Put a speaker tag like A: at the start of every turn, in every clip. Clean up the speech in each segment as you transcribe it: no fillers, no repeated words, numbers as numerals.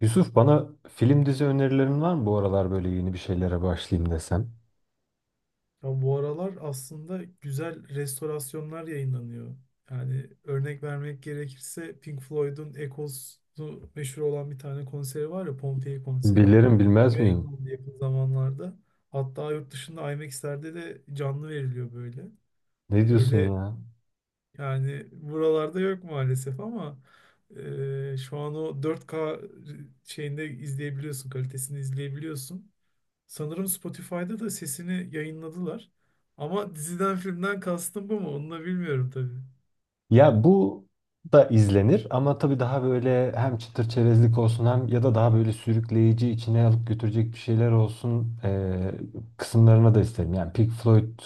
A: Yusuf bana film dizi önerilerin var mı bu aralar böyle yeni bir şeylere başlayayım desem?
B: Ya bu aralar aslında güzel restorasyonlar yayınlanıyor. Yani örnek vermek gerekirse Pink Floyd'un Echoes'u meşhur olan bir tane konseri var ya, Pompeii konseri.
A: Bilirim
B: Bu
A: bilmez miyim?
B: yayınlandı yakın zamanlarda. Hatta yurt dışında IMAX'lerde de canlı veriliyor böyle.
A: Ne diyorsun
B: Öyle,
A: ya?
B: yani buralarda yok maalesef ama şu an o 4K şeyinde izleyebiliyorsun, kalitesini izleyebiliyorsun. Sanırım Spotify'da da sesini yayınladılar. Ama diziden filmden kastım bu mu? Onu da bilmiyorum tabii.
A: Ya bu da izlenir ama tabii daha böyle hem çıtır çerezlik olsun hem ya da daha böyle sürükleyici içine alıp götürecek bir şeyler olsun kısımlarına da isterim. Yani Pink Floyd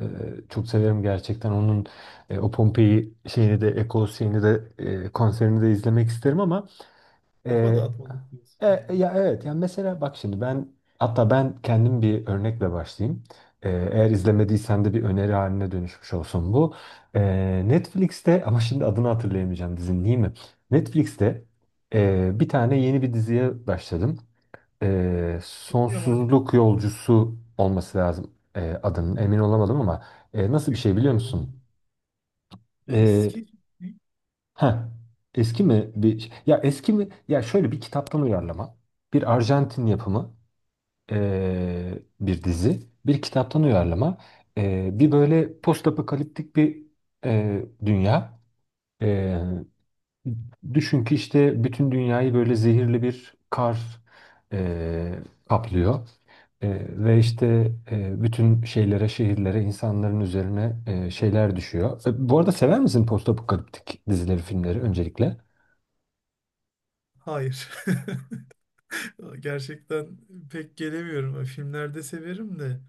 A: eee, çok severim gerçekten. Onun o Pompei şeyini de Echoes şeyini de konserini de izlemek isterim ama
B: Kafa
A: Ee,
B: dağıtmalık diyorsun yani.
A: ya evet yani mesela bak şimdi ben hatta ben kendim bir örnekle başlayayım. Eğer izlemediysen de bir öneri haline dönüşmüş olsun bu. Netflix'te ama şimdi adını hatırlayamayacağım dizinin değil mi? Netflix'te bir tane yeni bir diziye başladım.
B: Türk mü yabancı mı?
A: Sonsuzluk Yolcusu olması lazım adının
B: Hmm.
A: emin olamadım ama nasıl bir
B: Büyük
A: şey
B: ihtimal
A: biliyor
B: yabancı.
A: musun?
B: Eski mi?
A: Ha, eski mi bir ya eski mi ya şöyle bir kitaptan uyarlama. Bir Arjantin yapımı bir dizi, bir kitaptan uyarlama. Bir böyle postapokaliptik bir dünya. Eee, Düşün ki işte bütün dünyayı böyle zehirli bir kar eee, kaplıyor. Ve
B: Evet.
A: işte bütün şeylere, şehirlere, insanların üzerine şeyler düşüyor. Bu arada sever misin postapokaliptik dizileri, filmleri öncelikle?
B: Hayır. Gerçekten pek gelemiyorum. Filmlerde severim de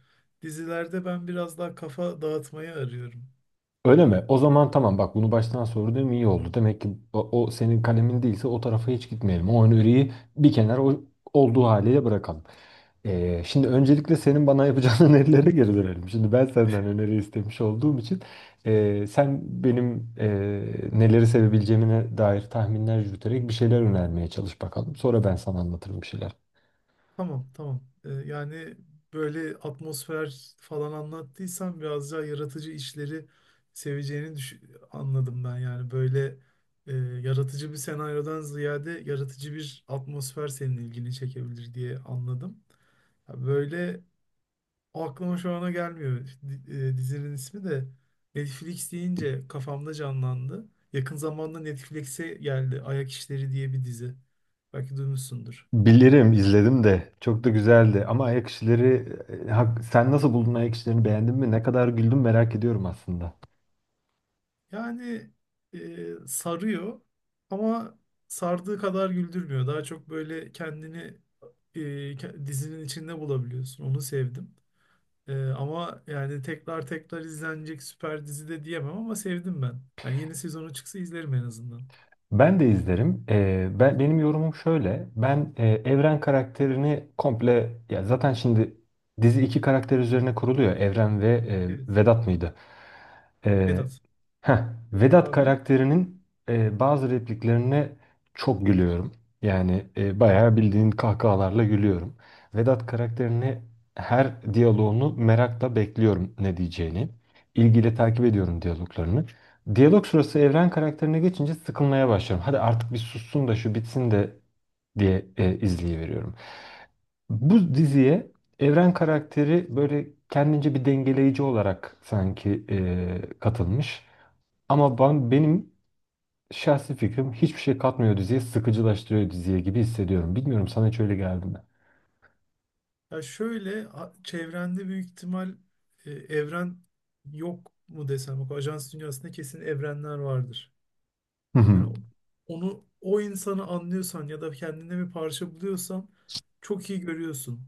B: dizilerde ben biraz daha kafa dağıtmayı arıyorum.
A: Öyle mi? O zaman tamam bak bunu baştan sorduğum iyi oldu. Demek ki o senin kalemin değilse o tarafa hiç gitmeyelim. O öneriyi bir kenara olduğu haliyle bırakalım. Şimdi öncelikle senin bana yapacağın önerilere geri dönelim. Şimdi ben senden öneri istemiş olduğum için sen benim neleri sevebileceğime dair tahminler yürüterek bir şeyler önermeye çalış bakalım. Sonra ben sana anlatırım bir şeyler.
B: Tamam, tamam. Yani böyle atmosfer falan anlattıysan biraz daha yaratıcı işleri seveceğini anladım ben. Yani böyle yaratıcı bir senaryodan ziyade yaratıcı bir atmosfer senin ilgini çekebilir diye anladım. Ya böyle o aklıma şu ana gelmiyor. Dizinin ismi de Netflix deyince kafamda canlandı. Yakın zamanda Netflix'e geldi, Ayak İşleri diye bir dizi. Belki duymuşsundur.
A: Bilirim, izledim de. Çok da güzeldi. Ama ayak işleri, sen nasıl buldun ayak işlerini? Beğendin mi? Ne kadar güldüm merak ediyorum aslında.
B: Yani sarıyor ama sardığı kadar güldürmüyor. Daha çok böyle kendini e, dizinin içinde bulabiliyorsun. Onu sevdim. E, ama yani tekrar tekrar izlenecek süper dizi de diyemem ama sevdim ben. Yani yeni sezonu çıksa izlerim en azından.
A: Ben de izlerim. Ben benim yorumum şöyle. Ben Evren karakterini komple ya zaten şimdi dizi iki karakter üzerine kuruluyor. Evren ve
B: Evet.
A: Vedat mıydı? Ee,
B: Vedat.
A: heh,
B: Vedat
A: Vedat
B: abi.
A: karakterinin bazı repliklerine çok gülüyorum. Yani bayağı bildiğin kahkahalarla gülüyorum. Vedat karakterini her diyaloğunu merakla bekliyorum ne diyeceğini. İlgiyle takip ediyorum diyaloglarını. Diyalog sırası Evren karakterine geçince sıkılmaya başlıyorum. Hadi artık bir sussun da şu bitsin de diye izleyiveriyorum. Bu diziye Evren karakteri böyle kendince bir dengeleyici olarak sanki katılmış. Ama benim şahsi fikrim hiçbir şey katmıyor diziye, sıkıcılaştırıyor diziye gibi hissediyorum. Bilmiyorum sana hiç öyle geldi mi?
B: Ya şöyle, a- çevrende büyük ihtimal e, evren yok mu desem. Bak, Ajans dünyasında kesin evrenler vardır.
A: Hı hı.
B: Yani onu, o insanı anlıyorsan ya da kendine bir parça buluyorsan çok iyi görüyorsun.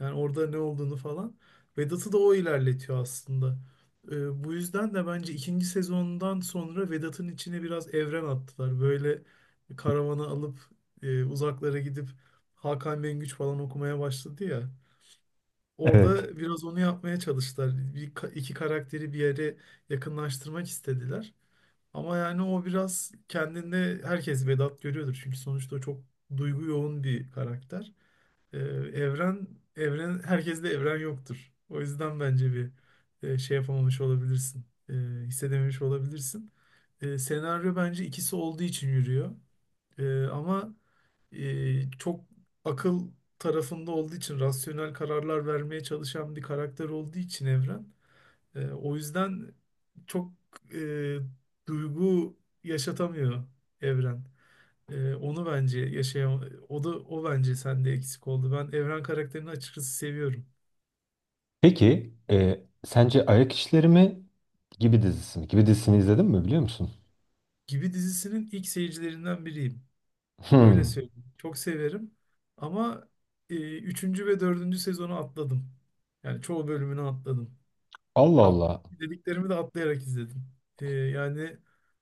B: Yani orada ne olduğunu falan. Vedat'ı da o ilerletiyor aslında. Bu yüzden de bence ikinci sezondan sonra Vedat'ın içine biraz evren attılar. Böyle karavana alıp uzaklara gidip Hakan Bengüç falan okumaya başladı ya.
A: Evet.
B: Orada biraz onu yapmaya çalıştılar. İki karakteri bir yere yakınlaştırmak istediler. Ama yani o biraz, kendinde herkes Vedat görüyordur. Çünkü sonuçta o çok duygu yoğun bir karakter. Ee, evren, evren, herkeste evren yoktur. O yüzden bence bir şey yapamamış olabilirsin. Hissedememiş olabilirsin. Senaryo bence ikisi olduğu için yürüyor. Ee, ama Çok akıl tarafında olduğu için, rasyonel kararlar vermeye çalışan bir karakter olduğu için evren, o yüzden çok e, duygu yaşatamıyor evren. E, onu bence yaşayam o da o bence sende eksik oldu. Ben Evren karakterini açıkçası seviyorum.
A: Peki sence Ayak İşleri mi gibi dizisi mi? Gibi dizisini izledin mi biliyor musun?
B: Gibi dizisinin ilk seyircilerinden biriyim. Öyle
A: Hmm.
B: söyleyeyim. Çok severim ama üçüncü ve dördüncü sezonu atladım. Yani çoğu bölümünü atladım.
A: Allah
B: Ve
A: Allah.
B: dediklerimi de atlayarak izledim. Yani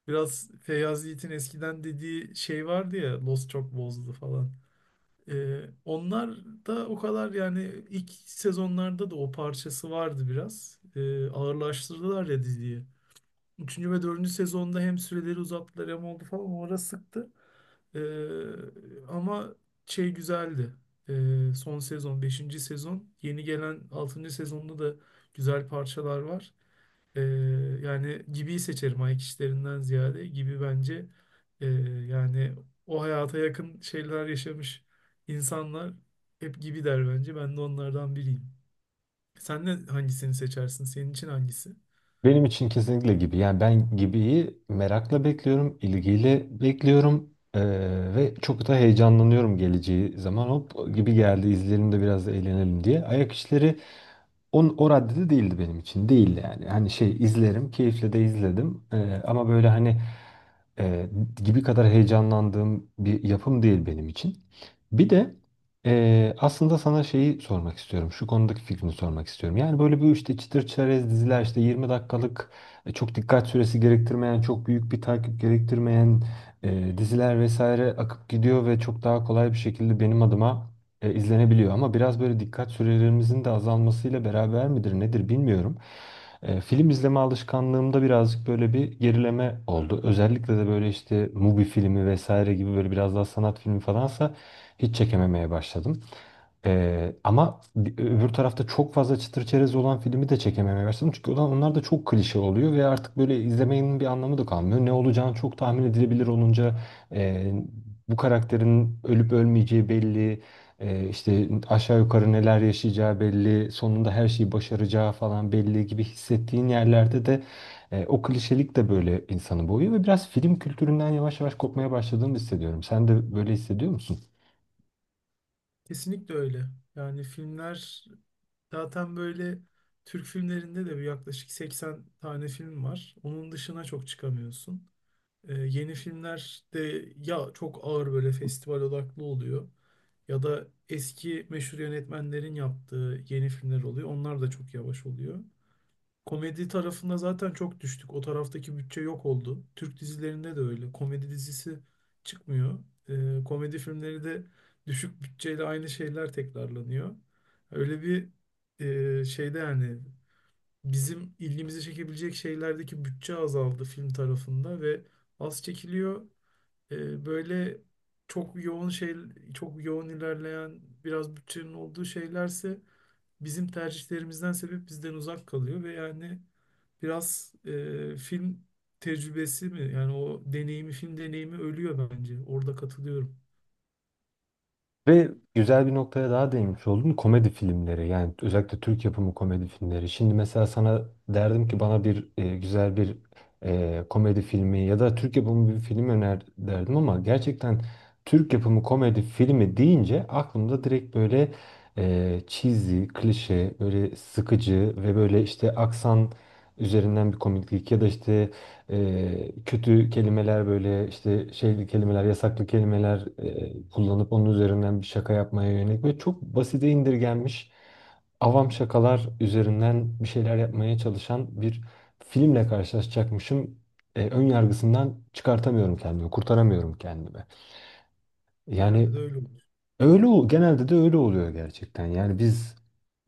B: biraz Feyyaz Yiğit'in eskiden dediği şey vardı ya, Lost çok bozdu falan. Onlar da o kadar, yani ilk sezonlarda da o parçası vardı biraz. Ağırlaştırdılar ya diziyi. Üçüncü ve dördüncü sezonda hem süreleri uzattılar hem oldu falan, o ara sıktı. Ama şey güzeldi. Son sezon, beşinci sezon. Yeni gelen altıncı sezonda da güzel parçalar var. Ee, Yani Gibi'yi seçerim ayak işlerinden ziyade. Gibi bence e, yani o hayata yakın şeyler yaşamış insanlar hep Gibi der bence. Ben de onlardan biriyim. Sen de hangisini seçersin? Senin için hangisi?
A: Benim için kesinlikle gibi. Yani ben Gibi'yi merakla bekliyorum, ilgiyle bekliyorum ve çok da heyecanlanıyorum geleceği zaman. Hop Gibi geldi, izleyelim de biraz da eğlenelim diye. O raddede değildi benim için. Değil yani. Hani şey izlerim. Keyifle de izledim. Ama böyle hani e, gibi kadar heyecanlandığım bir yapım değil benim için. Bir de aslında sana şeyi sormak istiyorum. Şu konudaki fikrini sormak istiyorum. Yani böyle bu işte çıtır çerez diziler işte 20 dakikalık çok dikkat süresi gerektirmeyen, çok büyük bir takip gerektirmeyen diziler vesaire akıp gidiyor ve çok daha kolay bir şekilde benim adıma izlenebiliyor ama biraz böyle dikkat sürelerimizin de azalmasıyla beraber midir nedir bilmiyorum. Film izleme alışkanlığımda birazcık böyle bir gerileme oldu. Özellikle de böyle işte Mubi filmi vesaire gibi böyle biraz daha sanat filmi falansa hiç çekememeye başladım. Ama öbür tarafta çok fazla çıtır çerez olan filmi de çekememeye başladım. Çünkü onlar da çok klişe oluyor ve artık böyle izlemenin bir anlamı da kalmıyor. Ne olacağını çok tahmin edilebilir olunca e, bu karakterin ölüp ölmeyeceği belli. İşte aşağı yukarı neler yaşayacağı belli, sonunda her şeyi başaracağı falan belli gibi hissettiğin yerlerde de o klişelik de böyle insanı boğuyor ve biraz film kültüründen yavaş yavaş kopmaya başladığımı hissediyorum. Sen de böyle hissediyor musun?
B: Kesinlikle öyle. Yani filmler zaten böyle, Türk filmlerinde de bir yaklaşık 80 tane film var. Onun dışına çok çıkamıyorsun. Yeni filmler de ya çok ağır böyle festival odaklı oluyor ya da eski meşhur yönetmenlerin yaptığı yeni filmler oluyor. Onlar da çok yavaş oluyor. Komedi tarafında zaten çok düştük. O taraftaki bütçe yok oldu. Türk dizilerinde de öyle. Komedi dizisi çıkmıyor. Komedi filmleri de düşük bütçeyle aynı şeyler tekrarlanıyor. Öyle bir şeyde, yani bizim ilgimizi çekebilecek şeylerdeki bütçe azaldı film tarafında ve az çekiliyor. Böyle çok yoğun şey, çok yoğun ilerleyen biraz bütçenin olduğu şeylerse bizim tercihlerimizden sebep bizden uzak kalıyor ve yani biraz film tecrübesi mi, yani o deneyimi, film deneyimi ölüyor bence. Orada katılıyorum.
A: Ve güzel bir noktaya daha değinmiş oldun. Komedi filmleri yani özellikle Türk yapımı komedi filmleri. Şimdi mesela sana derdim ki bana bir güzel bir komedi filmi ya da Türk yapımı bir film öner derdim ama gerçekten Türk yapımı komedi filmi deyince aklımda direkt böyle cheesy, klişe, böyle sıkıcı ve böyle işte aksan üzerinden bir komiklik ya da işte kötü kelimeler böyle işte şeyli kelimeler, yasaklı kelimeler kullanıp onun üzerinden bir şaka yapmaya yönelik ve çok basite indirgenmiş avam şakalar üzerinden bir şeyler yapmaya çalışan bir filmle karşılaşacakmışım. Ön yargısından çıkartamıyorum kendimi, kurtaramıyorum kendimi.
B: Genelde
A: Yani
B: de öyle olur.
A: Genelde de öyle oluyor gerçekten. Yani biz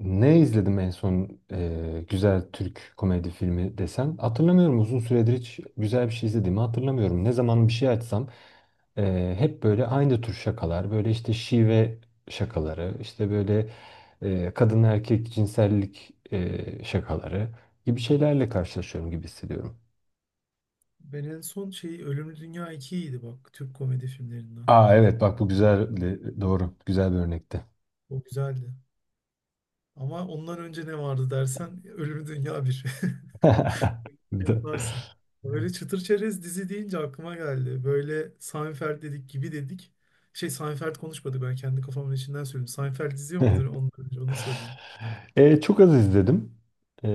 A: ne izledim en son güzel Türk komedi filmi desem hatırlamıyorum. Uzun süredir hiç güzel bir şey izlediğimi hatırlamıyorum. Ne zaman bir şey açsam hep böyle aynı tür şakalar, böyle işte şive şakaları, işte böyle kadın erkek cinsellik şakaları gibi şeylerle karşılaşıyorum gibi hissediyorum.
B: Ben en son şey Ölümlü Dünya 2 idi bak, Türk komedi filmlerinden.
A: Aa evet bak bu güzel doğru güzel bir örnekti.
B: O güzeldi. Ama ondan önce ne vardı dersen, Ölümü Dünya Bir.
A: Da-
B: Yaparsın. Böyle çıtır çerez dizi deyince aklıma geldi. Böyle Seinfeld dedik, Gibi dedik. Şey, Seinfeld konuşmadık, ben kendi kafamın içinden söyledim. Seinfeld izliyor muydun, ondan önce onu sorayım.
A: Çok az izledim. E,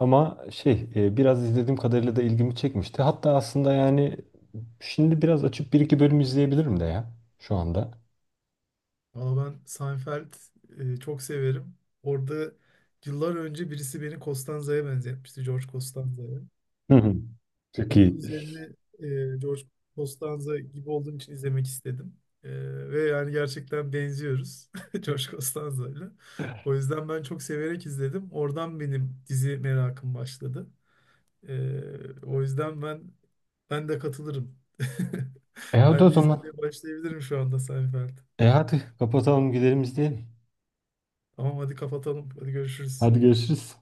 A: Ama şey biraz izlediğim kadarıyla da ilgimi çekmişti. Hatta aslında yani şimdi biraz açıp bir iki bölüm izleyebilirim de ya şu anda.
B: Valla ben Seinfeld çok severim. Orada yıllar önce birisi beni Costanza'ya benzetmişti. George Costanza'ya.
A: Hı hı. Çok
B: Onun
A: iyi.
B: üzerine George Costanza gibi olduğum için izlemek istedim. E, Ve yani gerçekten benziyoruz George Costanza'yla. O yüzden ben çok severek izledim. Oradan benim dizi merakım başladı. O yüzden ben de katılırım.
A: E hadi o
B: Ben de
A: zaman.
B: izlemeye başlayabilirim şu anda Seinfeld.
A: E hadi kapatalım gidelim izleyelim.
B: Tamam, hadi kapatalım. Hadi görüşürüz.
A: Hadi görüşürüz.